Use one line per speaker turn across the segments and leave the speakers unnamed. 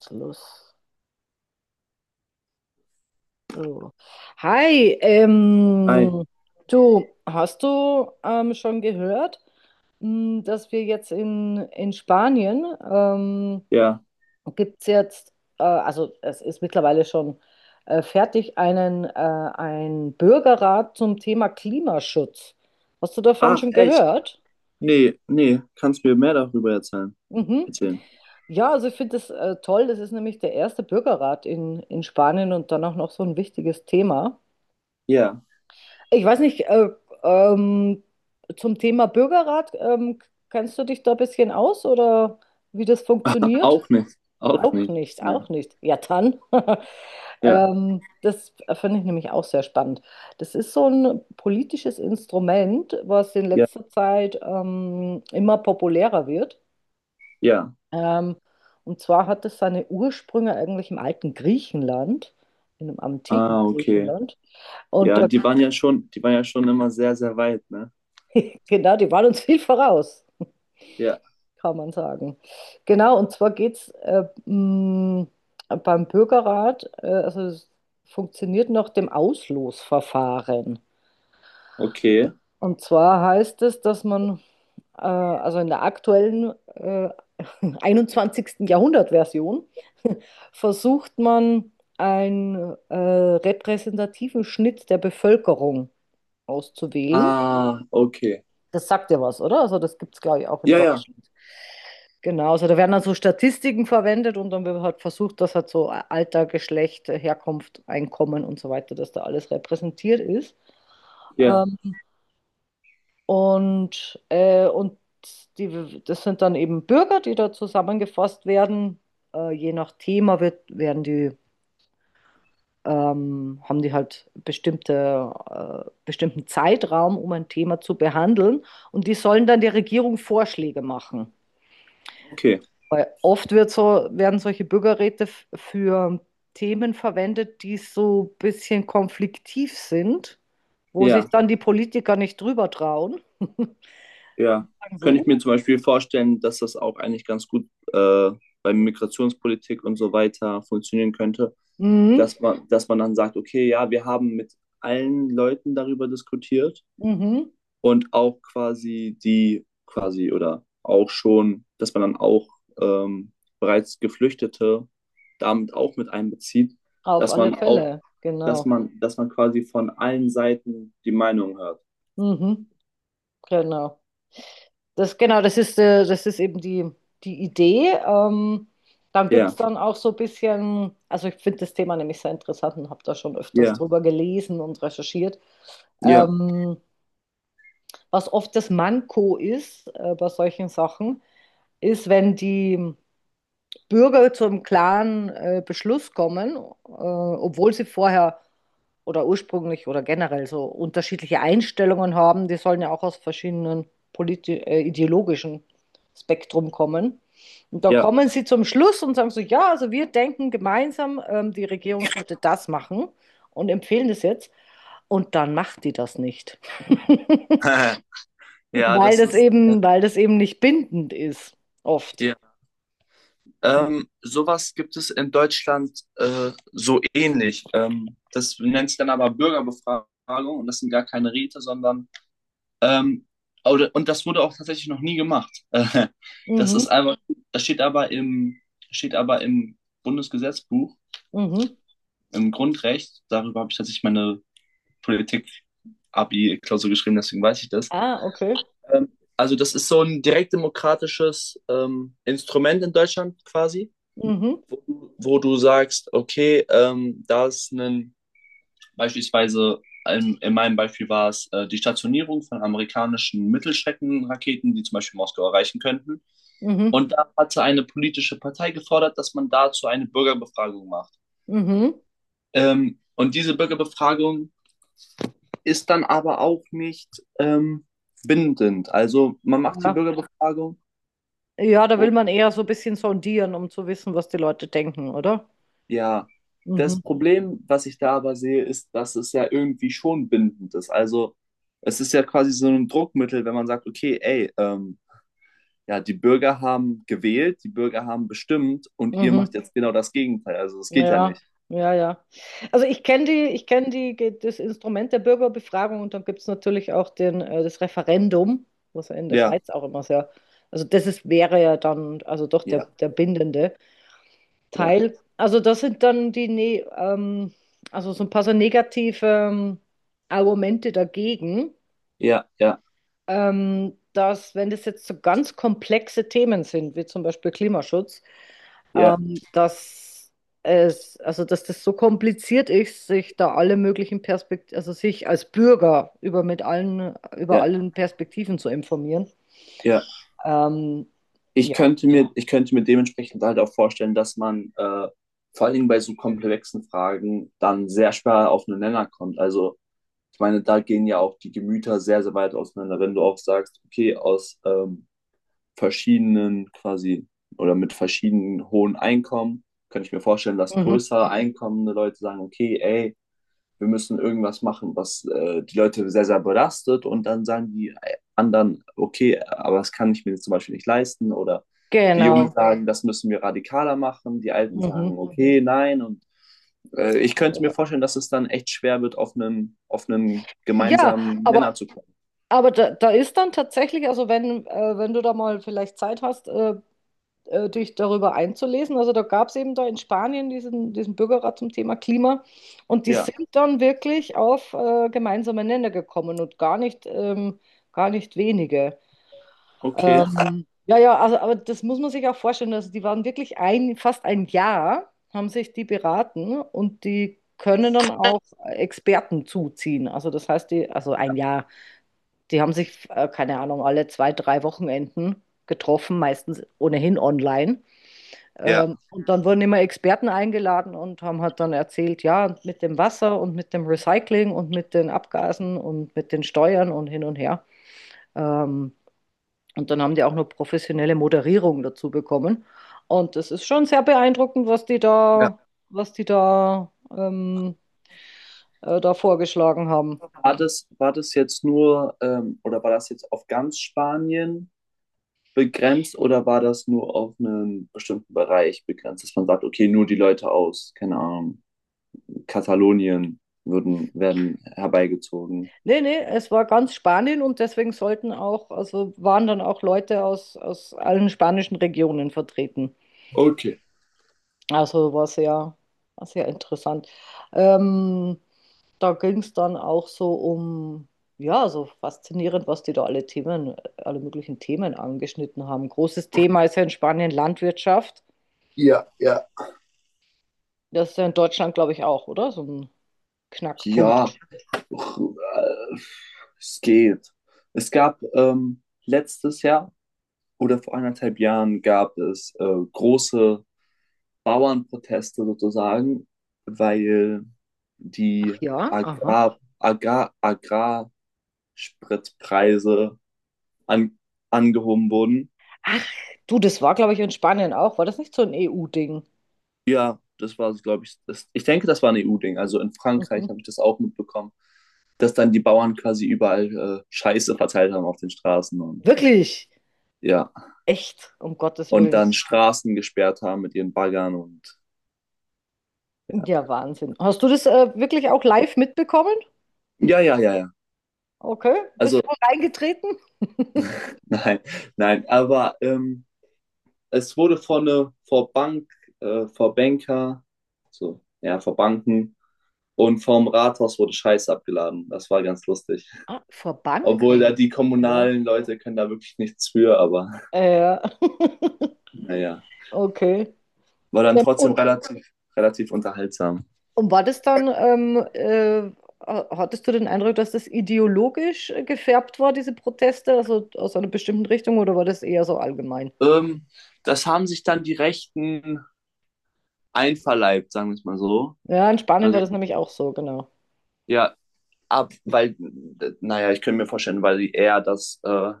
Jetzt los. So. Hi,
Ei,
du, hast du schon gehört, dass wir jetzt in Spanien
ja.
gibt es jetzt, also es ist mittlerweile schon fertig, ein Bürgerrat zum Thema Klimaschutz. Hast du davon
Ach,
schon
echt?
gehört?
Nee, nee, kannst mir mehr darüber erzählen.
Mhm.
Erzählen.
Ja, also ich finde das toll. Das ist nämlich der erste Bürgerrat in Spanien und dann auch noch so ein wichtiges Thema.
Ja,
Ich weiß nicht, ähm, zum Thema Bürgerrat, kennst du dich da ein bisschen aus oder wie das funktioniert?
auch nicht. Auch
Auch
nicht.
nicht,
Nee.
auch nicht. Ja, dann.
Ja,
Das finde ich nämlich auch sehr spannend. Das ist so ein politisches Instrument, was in
ja,
letzter Zeit immer populärer wird.
ja.
Ähm, und zwar hat es seine Ursprünge eigentlich im alten Griechenland, in dem antiken
Ah, okay.
Griechenland. Und
Ja,
da,
die waren ja schon, die waren ja schon immer sehr, sehr weit, ne?
genau, die waren uns viel voraus.
Ja,
Kann man sagen. Genau, und zwar geht es beim Bürgerrat, also es funktioniert nach dem Auslosverfahren.
okay.
Und zwar heißt es, dass man, also in der aktuellen 21. Jahrhundert-Version, versucht man einen repräsentativen Schnitt der Bevölkerung auszuwählen.
Ah, okay.
Das sagt ja was, oder? Also das gibt es, glaube ich, auch in
Ja, ja,
Deutschland. Genau, also da werden dann so Statistiken verwendet und dann wird halt versucht, dass halt so Alter, Geschlecht, Herkunft, Einkommen und so weiter, dass da alles repräsentiert ist.
ja,
Ähm, und die, das sind dann eben Bürger, die da zusammengefasst werden. Je nach Thema werden die, haben die halt bestimmten Zeitraum, um ein Thema zu behandeln. Und die sollen dann der Regierung Vorschläge machen.
okay.
Weil oft wird so, werden solche Bürgerräte für Themen verwendet, die so ein bisschen konfliktiv sind, wo
Ja.
sich dann die Politiker nicht drüber trauen.
Ja,
Sagen
könnte ich mir
so,
zum Beispiel vorstellen, dass das auch eigentlich ganz gut bei Migrationspolitik und so weiter funktionieren könnte,
mhm,
dass man dann sagt, okay, ja, wir haben mit allen Leuten darüber diskutiert
mhm,
und auch quasi die quasi oder auch schon, dass man dann auch ähm, bereits Geflüchtete damit auch mit einbezieht,
auf
dass
alle
man auch,
Fälle, genau.
dass man quasi von allen Seiten die Meinung hört.
Mhm, genau. Das, genau, das ist eben die, die Idee. Dann gibt
Ja,
es dann auch so ein bisschen, also ich finde das Thema nämlich sehr interessant und habe da schon öfters
ja,
drüber gelesen und recherchiert.
ja,
Ähm, was oft das Manko ist bei solchen Sachen, ist, wenn die Bürger zu einem klaren Beschluss kommen, obwohl sie vorher oder ursprünglich oder generell so unterschiedliche Einstellungen haben, die sollen ja auch aus verschiedenen ideologischen Spektrum kommen. Und dann
ja.
kommen sie zum Schluss und sagen so, ja, also wir denken gemeinsam, die Regierung sollte das machen und empfehlen das jetzt. Und dann macht die das nicht.
Ja, das ist,
Weil das eben nicht bindend ist, oft.
ja. Sowas gibt es in Deutschland so ähnlich. Das nennt sich dann aber Bürgerbefragung und das sind gar keine Räte, sondern, ähm, oder, und das wurde auch tatsächlich noch nie gemacht. Das
Mhm,
ist einfach, das steht aber steht aber im Bundesgesetzbuch,
mhm.
im Grundrecht. Darüber habe ich tatsächlich meine Politik-Abi-Klausur geschrieben, deswegen weiß ich das.
Ah, okay.
Also das ist so ein direktdemokratisches Instrument in Deutschland quasi.
Mhm,
Wo, wo du sagst, okay, da ist ein, beispielsweise, in meinem Beispiel war es die Stationierung von amerikanischen Mittelstreckenraketen, die zum Beispiel Moskau erreichen könnten.
mhm,
Und da hatte eine politische Partei gefordert, dass man dazu eine Bürgerbefragung macht.
mhm.
Und diese Bürgerbefragung ist dann aber auch nicht ähm, bindend. Also man macht die
Ja.
Bürgerbefragung
Ja, da will
und
man eher so ein bisschen sondieren, um zu wissen, was die Leute denken, oder?
ja, das
Mhm,
Problem, was ich da aber sehe, ist, dass es ja irgendwie schon bindend ist. Also es ist ja quasi so ein Druckmittel, wenn man sagt, okay, ey, ja, die Bürger haben gewählt, die Bürger haben bestimmt und ihr macht
mhm.
jetzt genau das Gegenteil. Also das geht ja
Ja,
nicht.
ja, ja. Also ich kenne die, ich kenne das Instrument der Bürgerbefragung und dann gibt es natürlich auch das Referendum, was ja in der
Ja,
Schweiz auch immer sehr, also das ist, wäre ja dann, also doch
ja,
der bindende
ja,
Teil. Also das sind dann die, ne, also so ein paar so negative Argumente dagegen,
ja, ja,
dass wenn das jetzt so ganz komplexe Themen sind, wie zum Beispiel Klimaschutz,
ja,
dass es, also dass das so kompliziert ist, sich da alle möglichen Perspektiven, also sich als Bürger über mit allen, über
ja,
allen Perspektiven zu informieren.
ja.
Ähm,
Ich
ja.
könnte mir, ich könnte mir dementsprechend halt auch vorstellen, dass man vor allen Dingen bei so komplexen Fragen dann sehr schwer auf einen Nenner kommt. Also ich meine, da gehen ja auch die Gemüter sehr, sehr weit auseinander. Wenn du auch sagst, okay, aus verschiedenen quasi oder mit verschiedenen hohen Einkommen, kann ich mir vorstellen, dass
Mhm.
größere einkommende Leute sagen, okay, ey, wir müssen irgendwas machen, was die Leute sehr, sehr belastet und dann sagen die anderen, okay, aber das kann ich mir zum Beispiel nicht leisten oder die Jungen
Genau.
sagen, das müssen wir radikaler machen, die Alten
Mhm.
sagen, okay, nein und ich könnte mir
Ja,
vorstellen, dass es dann echt schwer wird, auf einen
ja,
gemeinsamen
aber
Nenner zu kommen.
Da, da ist dann tatsächlich, also wenn du da mal vielleicht Zeit hast, dich darüber einzulesen, also da gab es eben da in Spanien diesen Bürgerrat zum Thema Klima und die
Ja,
sind dann wirklich auf gemeinsame Nenner gekommen und gar nicht wenige.
okay.
Ja, ja, also aber das muss man sich auch vorstellen, also die waren wirklich fast ein Jahr, haben sich die beraten und die können dann auch Experten zuziehen. Also das heißt, die, also ein Jahr. Die haben sich, keine Ahnung, alle zwei, drei Wochenenden getroffen, meistens ohnehin online. Und dann wurden immer Experten eingeladen und haben halt dann erzählt, ja, mit dem Wasser und mit dem Recycling und mit den Abgasen und mit den Steuern und hin und her. Ähm, und dann haben die auch noch professionelle Moderierung dazu bekommen. Und das ist schon sehr beeindruckend, was die da, was die da, ähm, da vorgeschlagen haben.
War das jetzt nur oder war das jetzt auf ganz Spanien begrenzt oder war das nur auf einen bestimmten Bereich begrenzt, dass man sagt, okay, nur die Leute aus, keine Ahnung, Katalonien würden, werden herbeigezogen?
Nee, nee, es war ganz Spanien und deswegen sollten auch, also waren dann auch Leute aus, aus allen spanischen Regionen vertreten. Also war sehr interessant. Ähm, da ging es dann auch so um, ja, so faszinierend, was die da alle Themen, alle möglichen Themen angeschnitten haben. Großes Thema ist ja in Spanien Landwirtschaft. Das ist ja in Deutschland, glaube ich, auch, oder? So ein
Ja,
Knackpunkt.
äh, es geht. Es gab letztes Jahr oder vor anderthalb Jahren gab es große Bauernproteste sozusagen, weil
Ach
die
ja, aha.
Agrar, Agrar, Agrarspritpreise an, angehoben wurden.
Ach, du, das war, glaube ich, in Spanien auch. War das nicht so ein EU-Ding?
Ja, das war, glaube ich, das, ich denke, das war ein EU-Ding. Also in Frankreich habe ich das auch mitbekommen, dass dann die Bauern quasi überall Scheiße verteilt haben auf den Straßen und
Wirklich?
ja,
Echt? Um Gottes
und
willen.
dann Straßen gesperrt haben mit ihren Baggern und ja.
Ja, Wahnsinn. Hast du das wirklich auch live mitbekommen?
Ja, ja, ja, ja.
Okay. Bist
Also
du auch reingetreten?
nein, nein, aber es wurde vor Bank, vor Banker, so, ja, vor Banken und vom Rathaus wurde Scheiße abgeladen. Das war ganz lustig.
Ah, vor
Obwohl da
Banken.
die
Ja.
kommunalen Leute können da wirklich nichts für, aber
Ja.
naja,
Okay.
war dann
Ja.
trotzdem
Und,
relativ, relativ unterhaltsam.
und war das dann, hattest du den Eindruck, dass das ideologisch gefärbt war, diese Proteste, also aus einer bestimmten Richtung, oder war das eher so allgemein?
Ähm, Das haben sich dann die Rechten einverleibt, sagen wir es mal so.
Ja, in Spanien war
Also,
das nämlich auch so, genau.
ja, ab, weil, naja, ich könnte mir vorstellen, weil die eher das,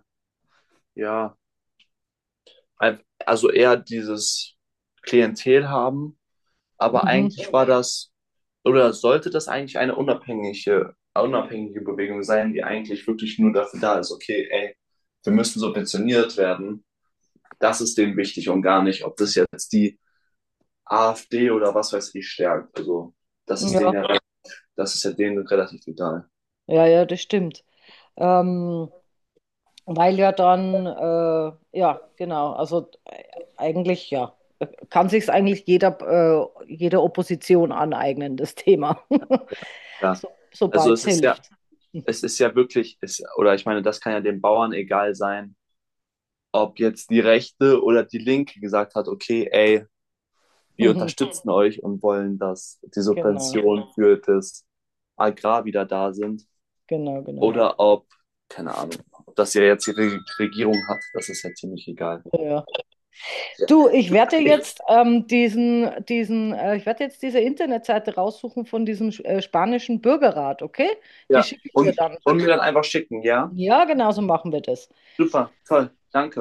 ja, ein- also eher dieses Klientel haben, aber
Mhm.
eigentlich war das, oder sollte das eigentlich eine unabhängige, unabhängige Bewegung sein, die eigentlich wirklich nur dafür da ist, okay, ey, wir müssen subventioniert werden, das ist denen wichtig und gar nicht, ob das jetzt die AfD oder was weiß ich stärkt. Also das ist denen
Ja,
ja, das ist ja denen relativ egal.
ja, ja, das stimmt. Ähm, weil ja dann, ja, genau, also eigentlich, ja, kann sich eigentlich jeder, jede Opposition aneignen, das Thema,
Ja.
so,
Also
sobald es hilft.
es ist ja wirklich, es, oder ich meine, das kann ja den Bauern egal sein, ob jetzt die Rechte oder die Linke gesagt hat, okay, ey, wir unterstützen euch und wollen, dass die
Genau,
Subventionen für das Agrar wieder da sind.
genau, genau.
Oder ob, keine Ahnung, ob das ja jetzt die Regierung hat, das ist ja ziemlich egal.
Ja, ja.
Ja.
Du,
Ich
ich werde jetzt diese Internetseite raussuchen von diesem spanischen Bürgerrat, okay? Die
ja,
schicke ich dir dann.
und mir dann einfach schicken, ja?
Ja, genau so machen wir das.
Super, toll, danke.